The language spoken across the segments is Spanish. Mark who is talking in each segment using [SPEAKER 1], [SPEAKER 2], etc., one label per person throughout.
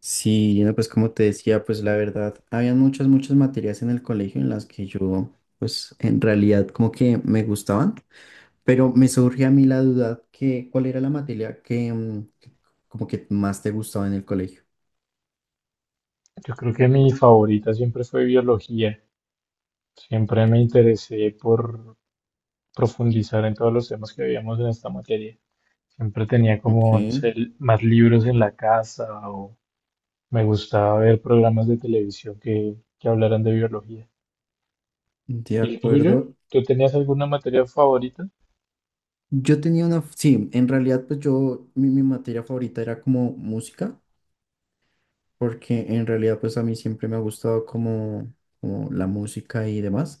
[SPEAKER 1] Sí, no, pues como te decía, pues la verdad, habían muchas, muchas materias en el colegio en las que yo, pues en realidad como que me gustaban, pero me surge a mí la duda que cuál era la materia que como que más te gustaba en el colegio.
[SPEAKER 2] Yo creo que mi favorita siempre fue biología. Siempre me interesé por profundizar en todos los temas que veíamos en esta materia. Siempre tenía
[SPEAKER 1] Ok,
[SPEAKER 2] como, no sé, más libros en la casa o me gustaba ver programas de televisión que hablaran de biología.
[SPEAKER 1] de
[SPEAKER 2] ¿Y el tuyo?
[SPEAKER 1] acuerdo.
[SPEAKER 2] ¿Tú tenías alguna materia favorita?
[SPEAKER 1] Yo tenía una, sí, en realidad pues yo, mi materia favorita era como música, porque en realidad pues a mí siempre me ha gustado como la música y demás.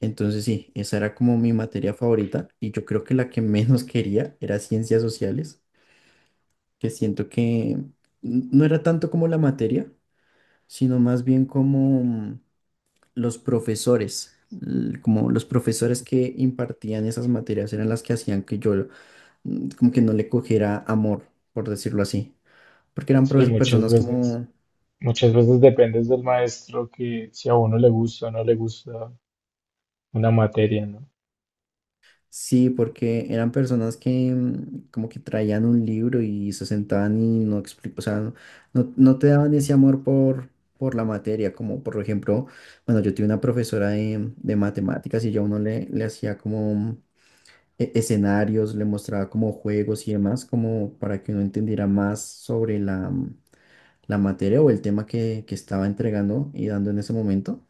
[SPEAKER 1] Entonces sí, esa era como mi materia favorita y yo creo que la que menos quería era ciencias sociales, que siento que no era tanto como la materia, sino más bien como los profesores, como los profesores que impartían esas materias eran las que hacían que yo como que no le cogiera amor, por decirlo así, porque eran
[SPEAKER 2] Sí, muchas
[SPEAKER 1] personas. Mm.
[SPEAKER 2] veces.
[SPEAKER 1] Como...
[SPEAKER 2] Muchas veces dependes del maestro que si a uno le gusta o no le gusta una materia, ¿no?
[SPEAKER 1] Sí, porque eran personas que como que traían un libro y se sentaban y no o sea, no te daban ese amor por la materia, como por ejemplo, bueno, yo tuve una profesora de matemáticas y yo a uno le hacía como escenarios, le mostraba como juegos y demás, como para que uno entendiera más sobre la, la materia o el tema que estaba entregando y dando en ese momento.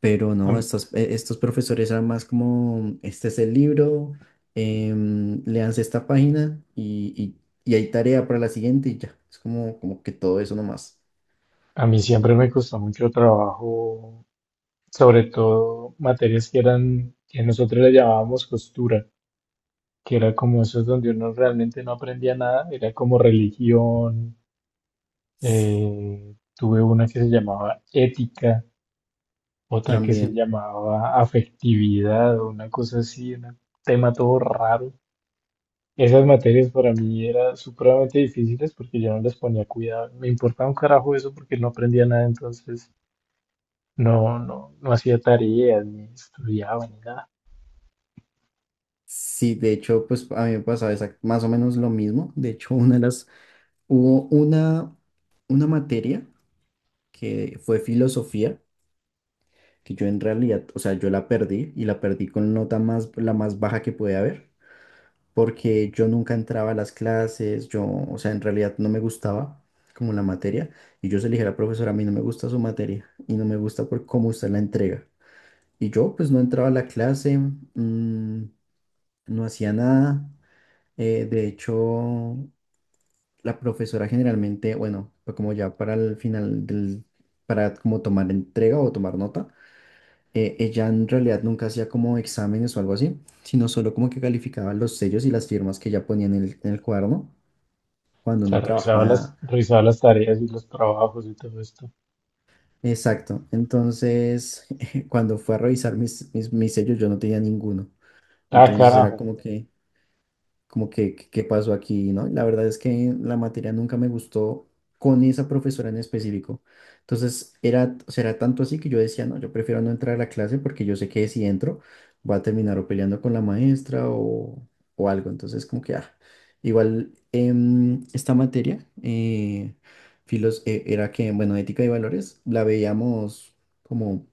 [SPEAKER 1] Pero
[SPEAKER 2] A
[SPEAKER 1] no,
[SPEAKER 2] mí-
[SPEAKER 1] estos, estos profesores eran más como, este es el libro, léanse esta página y, y hay tarea para la siguiente y ya. Es como que todo eso nomás.
[SPEAKER 2] A mí siempre me costó mucho trabajo, sobre todo materias que nosotros le llamábamos costura, que era como esos donde uno realmente no aprendía nada, era como religión, tuve una que se llamaba ética, otra que se
[SPEAKER 1] También.
[SPEAKER 2] llamaba afectividad, o una cosa así, un tema todo raro. Esas materias para mí eran supremamente difíciles porque yo no les ponía cuidado, me importaba un carajo eso porque no aprendía nada, entonces... No, no, no hacía tareas, ni estudiaba, ni nada.
[SPEAKER 1] Sí, de hecho, pues a mí me pasaba más o menos lo mismo. De hecho, hubo una materia que fue filosofía, que yo en realidad, o sea, yo la perdí y la perdí con nota más, la más baja que puede haber, porque yo nunca entraba a las clases, yo, o sea, en realidad no me gustaba como la materia, y yo se le dije a la profesora, a mí no me gusta su materia, y no me gusta por cómo usted la entrega. Y yo pues no entraba a la clase, no hacía nada, de hecho, la profesora generalmente, bueno, fue como ya para el final para como tomar entrega o tomar nota, ella en realidad nunca hacía como exámenes o algo así, sino solo como que calificaba los sellos y las firmas que ella ponía en el, cuaderno, cuando
[SPEAKER 2] O sea,
[SPEAKER 1] no trabajaba.
[SPEAKER 2] revisaba las tareas y los trabajos y todo esto.
[SPEAKER 1] Exacto. Entonces, cuando fue a revisar mis sellos, yo no tenía ninguno.
[SPEAKER 2] Ah,
[SPEAKER 1] Entonces era
[SPEAKER 2] carajo.
[SPEAKER 1] qué pasó aquí, ¿no? La verdad es que la materia nunca me gustó con esa profesora en específico. Entonces, era, o sea, era tanto así que yo decía, no, yo prefiero no entrar a la clase porque yo sé que si entro va a terminar o peleando con la maestra, o algo. Entonces, como que, ah, igual esta materia, era que, bueno, ética y valores, la veíamos como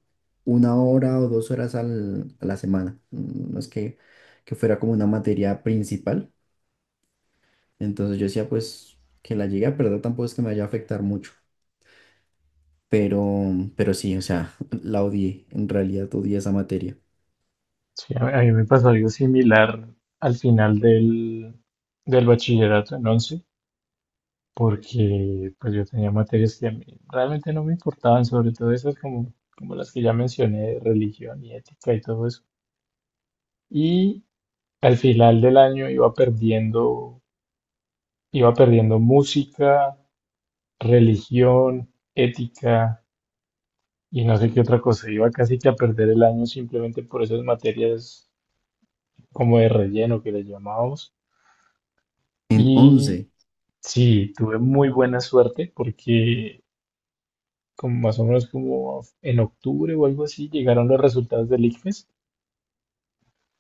[SPEAKER 1] 1 hora o 2 horas a la semana. No es que fuera como una materia principal, entonces yo decía, pues que la llegué a perder tampoco es que me vaya a afectar mucho, pero, sí, o sea, la odié, en realidad odié esa materia.
[SPEAKER 2] Sí, a mí me pasó algo similar al final del bachillerato en 11, porque pues yo tenía materias que a mí realmente no me importaban, sobre todo esas como, como las que ya mencioné, de religión y ética y todo eso. Y al final del año iba perdiendo música, religión, ética. Y no sé qué otra cosa, iba casi que a perder el año simplemente por esas materias como de relleno que le llamamos.
[SPEAKER 1] En once
[SPEAKER 2] Y sí, tuve muy buena suerte porque como más o menos como en octubre o algo así llegaron los resultados del ICFES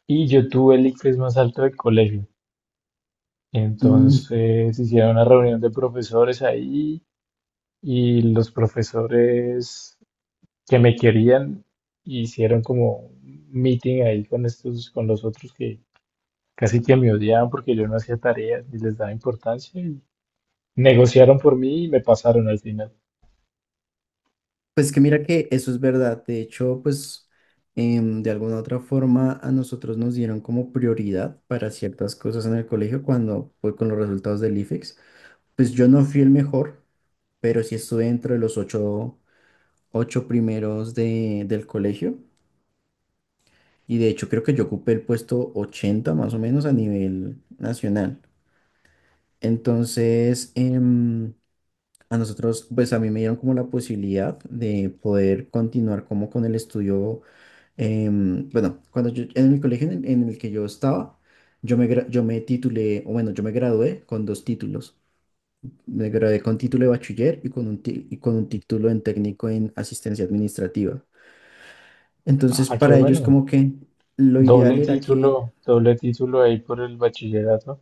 [SPEAKER 2] y yo tuve el ICFES más alto del colegio.
[SPEAKER 1] mm,
[SPEAKER 2] Entonces hicieron una reunión de profesores ahí y los profesores que me querían hicieron como un meeting ahí con los otros que casi que me odiaban porque yo no hacía tareas ni les daba importancia y negociaron por mí y me pasaron al final.
[SPEAKER 1] pues que mira que eso es verdad, de hecho, pues de alguna u otra forma a nosotros nos dieron como prioridad para ciertas cosas en el colegio cuando fue con los resultados del IFEX. Pues yo no fui el mejor, pero sí estuve dentro de los ocho primeros de, del colegio. Y de hecho creo que yo ocupé el puesto 80 más o menos a nivel nacional. Entonces, a nosotros, pues a mí me dieron como la posibilidad de poder continuar como con el estudio. Bueno, cuando yo, en mi colegio en el, que yo estaba, yo me, yo me titulé, o bueno, yo me gradué con dos títulos. Me gradué con título de bachiller y y con un título en técnico en asistencia administrativa. Entonces,
[SPEAKER 2] Ah, qué
[SPEAKER 1] para ellos
[SPEAKER 2] bueno.
[SPEAKER 1] como que lo ideal era que...
[SPEAKER 2] Doble título ahí por el bachillerato.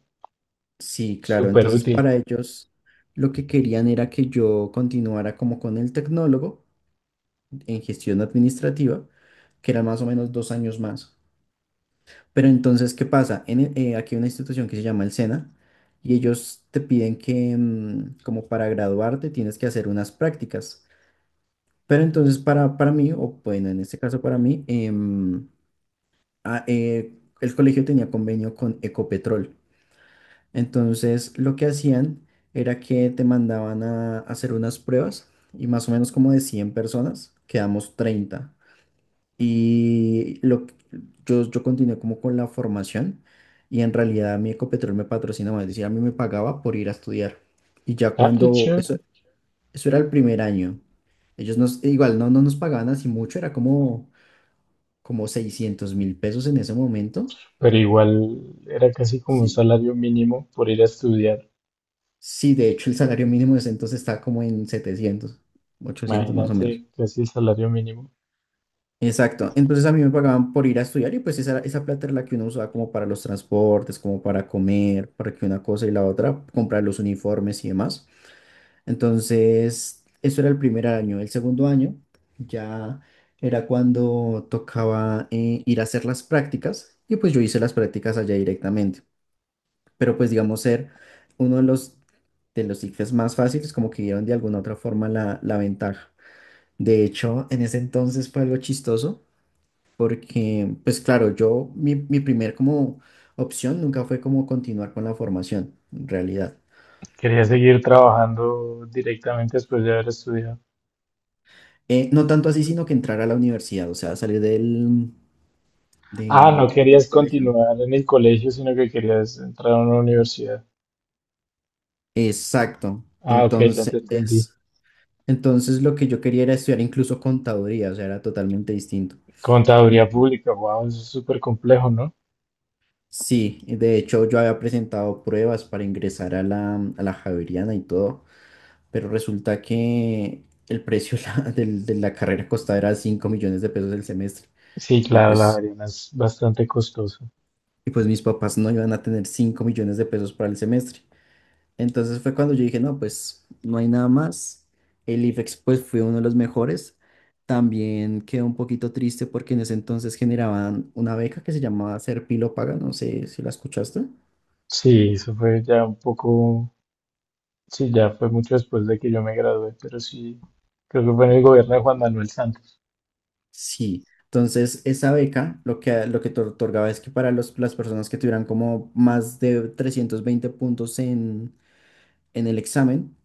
[SPEAKER 1] Sí, claro.
[SPEAKER 2] Súper
[SPEAKER 1] Entonces,
[SPEAKER 2] útil.
[SPEAKER 1] para ellos lo que querían era que yo continuara como con el tecnólogo en gestión administrativa, que era más o menos 2 años más. Pero entonces, ¿qué pasa? Aquí hay una institución que se llama el SENA y ellos te piden que como para graduarte tienes que hacer unas prácticas. Pero entonces para, mí, o bueno, en este caso para mí, ah, eh, el colegio tenía convenio con Ecopetrol. Entonces, lo que hacían era que te mandaban a hacer unas pruebas y más o menos como de 100 personas, quedamos 30. Y lo, que- yo continué como con la formación y en realidad mi Ecopetrol me patrocinaba, es decir, a mí me pagaba por ir a estudiar. Y ya
[SPEAKER 2] Ah, qué chévere.
[SPEAKER 1] eso era el primer año, ellos igual no nos pagaban así mucho, era como 600.000 pesos en ese momento.
[SPEAKER 2] Pero igual era casi como un
[SPEAKER 1] Sí.
[SPEAKER 2] salario mínimo por ir a estudiar.
[SPEAKER 1] Sí, de hecho, el salario mínimo desde entonces está como en 700, ochocientos más o menos.
[SPEAKER 2] Imagínate, casi el salario mínimo.
[SPEAKER 1] Exacto. Entonces a mí me pagaban por ir a estudiar y pues esa plata era la que uno usaba como para los transportes, como para comer, para que una cosa y la otra, comprar los uniformes y demás. Entonces, eso era el primer año. El segundo año ya era cuando tocaba ir a hacer las prácticas y pues yo hice las prácticas allá directamente, pero pues digamos ser uno de los ICFES más fáciles, como que dieron de alguna otra forma la, la ventaja. De hecho, en ese entonces fue algo chistoso, porque pues claro, yo, mi primer como opción nunca fue como continuar con la formación, en realidad.
[SPEAKER 2] Quería seguir trabajando directamente después de haber estudiado.
[SPEAKER 1] No tanto así, sino que entrar a la universidad, o sea, salir del,
[SPEAKER 2] Ah, no
[SPEAKER 1] del
[SPEAKER 2] querías
[SPEAKER 1] colegio.
[SPEAKER 2] continuar en el colegio, sino que querías entrar a una universidad.
[SPEAKER 1] Exacto.
[SPEAKER 2] Ah, ok, ya te entendí.
[SPEAKER 1] Entonces, entonces lo que yo quería era estudiar incluso contaduría, o sea, era totalmente distinto.
[SPEAKER 2] Contaduría pública, wow, eso es súper complejo, ¿no?
[SPEAKER 1] Sí, y de hecho yo había presentado pruebas para ingresar a la Javeriana y todo, pero resulta que el precio de la carrera costaba era 5 millones de pesos el semestre,
[SPEAKER 2] Sí,
[SPEAKER 1] y
[SPEAKER 2] claro, la
[SPEAKER 1] pues,
[SPEAKER 2] Ariana es bastante costoso.
[SPEAKER 1] y pues mis papás no iban a tener 5 millones de pesos para el semestre. Entonces fue cuando yo dije, no, pues no hay nada más. El IFEX pues fue uno de los mejores. También quedé un poquito triste porque en ese entonces generaban una beca que se llamaba Serpilo Paga, no sé si la escuchaste.
[SPEAKER 2] Sí, eso fue ya un poco, sí, ya fue mucho después de que yo me gradué, pero sí, creo que fue en el gobierno de Juan Manuel Santos.
[SPEAKER 1] Sí, entonces esa beca lo que te otorgaba es que para los, las personas que tuvieran como más de 320 puntos en el examen,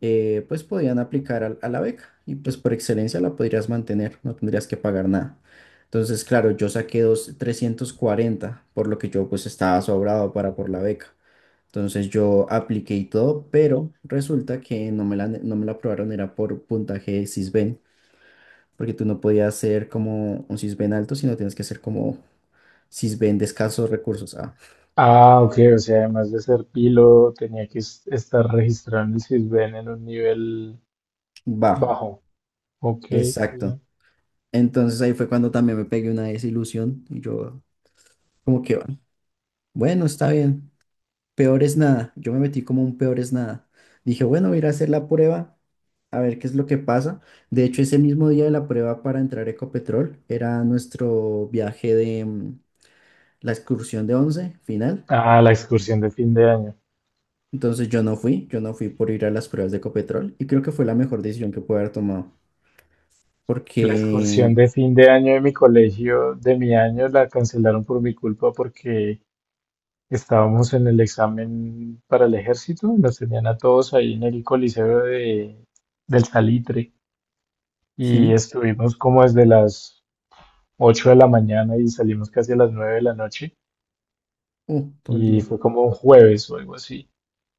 [SPEAKER 1] pues podían aplicar a la beca, y pues por excelencia la podrías mantener, no tendrías que pagar nada. Entonces, claro, yo saqué 340 por lo que yo pues estaba sobrado para por la beca. Entonces yo apliqué y todo, pero resulta que no me la aprobaron, era por puntaje Sisben porque tú no podías ser como un cisben alto, sino tienes que ser como cisben de escasos recursos, ah,
[SPEAKER 2] Ah, ok, o sea, además de ser pilo, tenía que estar registrado en el Sisbén en un nivel
[SPEAKER 1] bajo,
[SPEAKER 2] bajo. Ok,
[SPEAKER 1] exacto.
[SPEAKER 2] ya.
[SPEAKER 1] Entonces ahí fue cuando también me pegué una desilusión y yo como que, bueno, está bien, peor es nada, yo me metí como un peor es nada. Dije, bueno, voy a ir a hacer la prueba, a ver qué es lo que pasa. De hecho, ese mismo día de la prueba para entrar a Ecopetrol era nuestro viaje de la excursión de 11 final.
[SPEAKER 2] Ah, la excursión de fin de año.
[SPEAKER 1] Entonces yo no fui por ir a las pruebas de Ecopetrol y creo que fue la mejor decisión que pude haber tomado. Porque
[SPEAKER 2] La excursión de fin de año de mi colegio, de mi año, la cancelaron por mi culpa porque estábamos en el examen para el ejército, nos tenían a todos ahí en el Coliseo del Salitre y
[SPEAKER 1] sí,
[SPEAKER 2] estuvimos como desde las 8 de la mañana y salimos casi a las 9 de la noche
[SPEAKER 1] todo el
[SPEAKER 2] y
[SPEAKER 1] día,
[SPEAKER 2] fue como un jueves o algo así.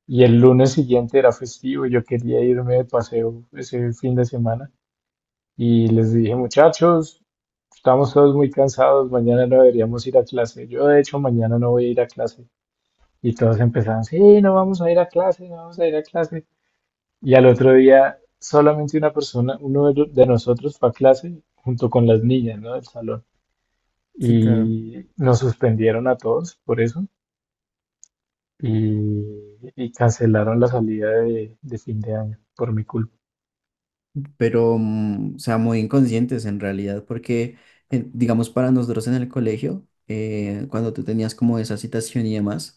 [SPEAKER 2] Y el lunes siguiente era festivo, yo quería irme de paseo ese fin de semana y les dije, muchachos, estamos todos muy cansados, mañana no deberíamos ir a clase. Yo de hecho mañana no voy a ir a clase. Y todos empezaron, sí, no vamos a ir a clase, no vamos a ir a clase. Y al otro día, solamente una persona, uno de nosotros fue a clase junto con las niñas, ¿no? Del salón.
[SPEAKER 1] sí, claro.
[SPEAKER 2] Y nos suspendieron a todos por eso. Y cancelaron la salida de fin de año por mi culpa.
[SPEAKER 1] Pero, mm, o sea, muy inconscientes en realidad, porque, digamos, para nosotros en el colegio, cuando tú tenías como esa citación y demás,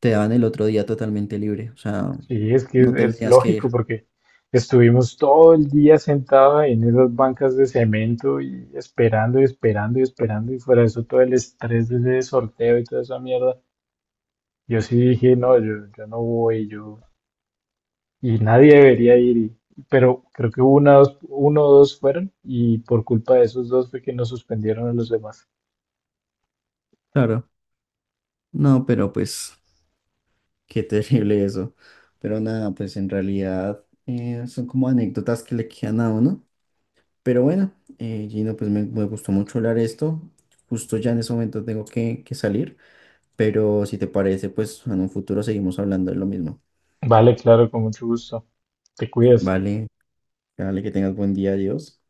[SPEAKER 1] te daban el otro día totalmente libre, o sea,
[SPEAKER 2] Sí, es que
[SPEAKER 1] no
[SPEAKER 2] es
[SPEAKER 1] tendrías que
[SPEAKER 2] lógico
[SPEAKER 1] ir.
[SPEAKER 2] porque estuvimos todo el día sentados en esas bancas de cemento y esperando y esperando y esperando y fuera de eso todo el estrés de ese sorteo y toda esa mierda. Yo sí dije, no, yo no voy, yo, y nadie debería ir, y- pero creo que uno o dos fueron, y por culpa de esos dos fue que nos suspendieron a los demás.
[SPEAKER 1] Claro. No, pero pues, qué terrible eso. Pero nada, pues en realidad son como anécdotas que le quedan a uno. Pero bueno, Gino, pues me gustó mucho hablar esto. Justo ya en ese momento tengo que salir, pero si te parece, pues en un futuro seguimos hablando de lo mismo.
[SPEAKER 2] Vale, claro, con mucho gusto. Te cuidas.
[SPEAKER 1] Vale, dale, que tengas buen día, adiós.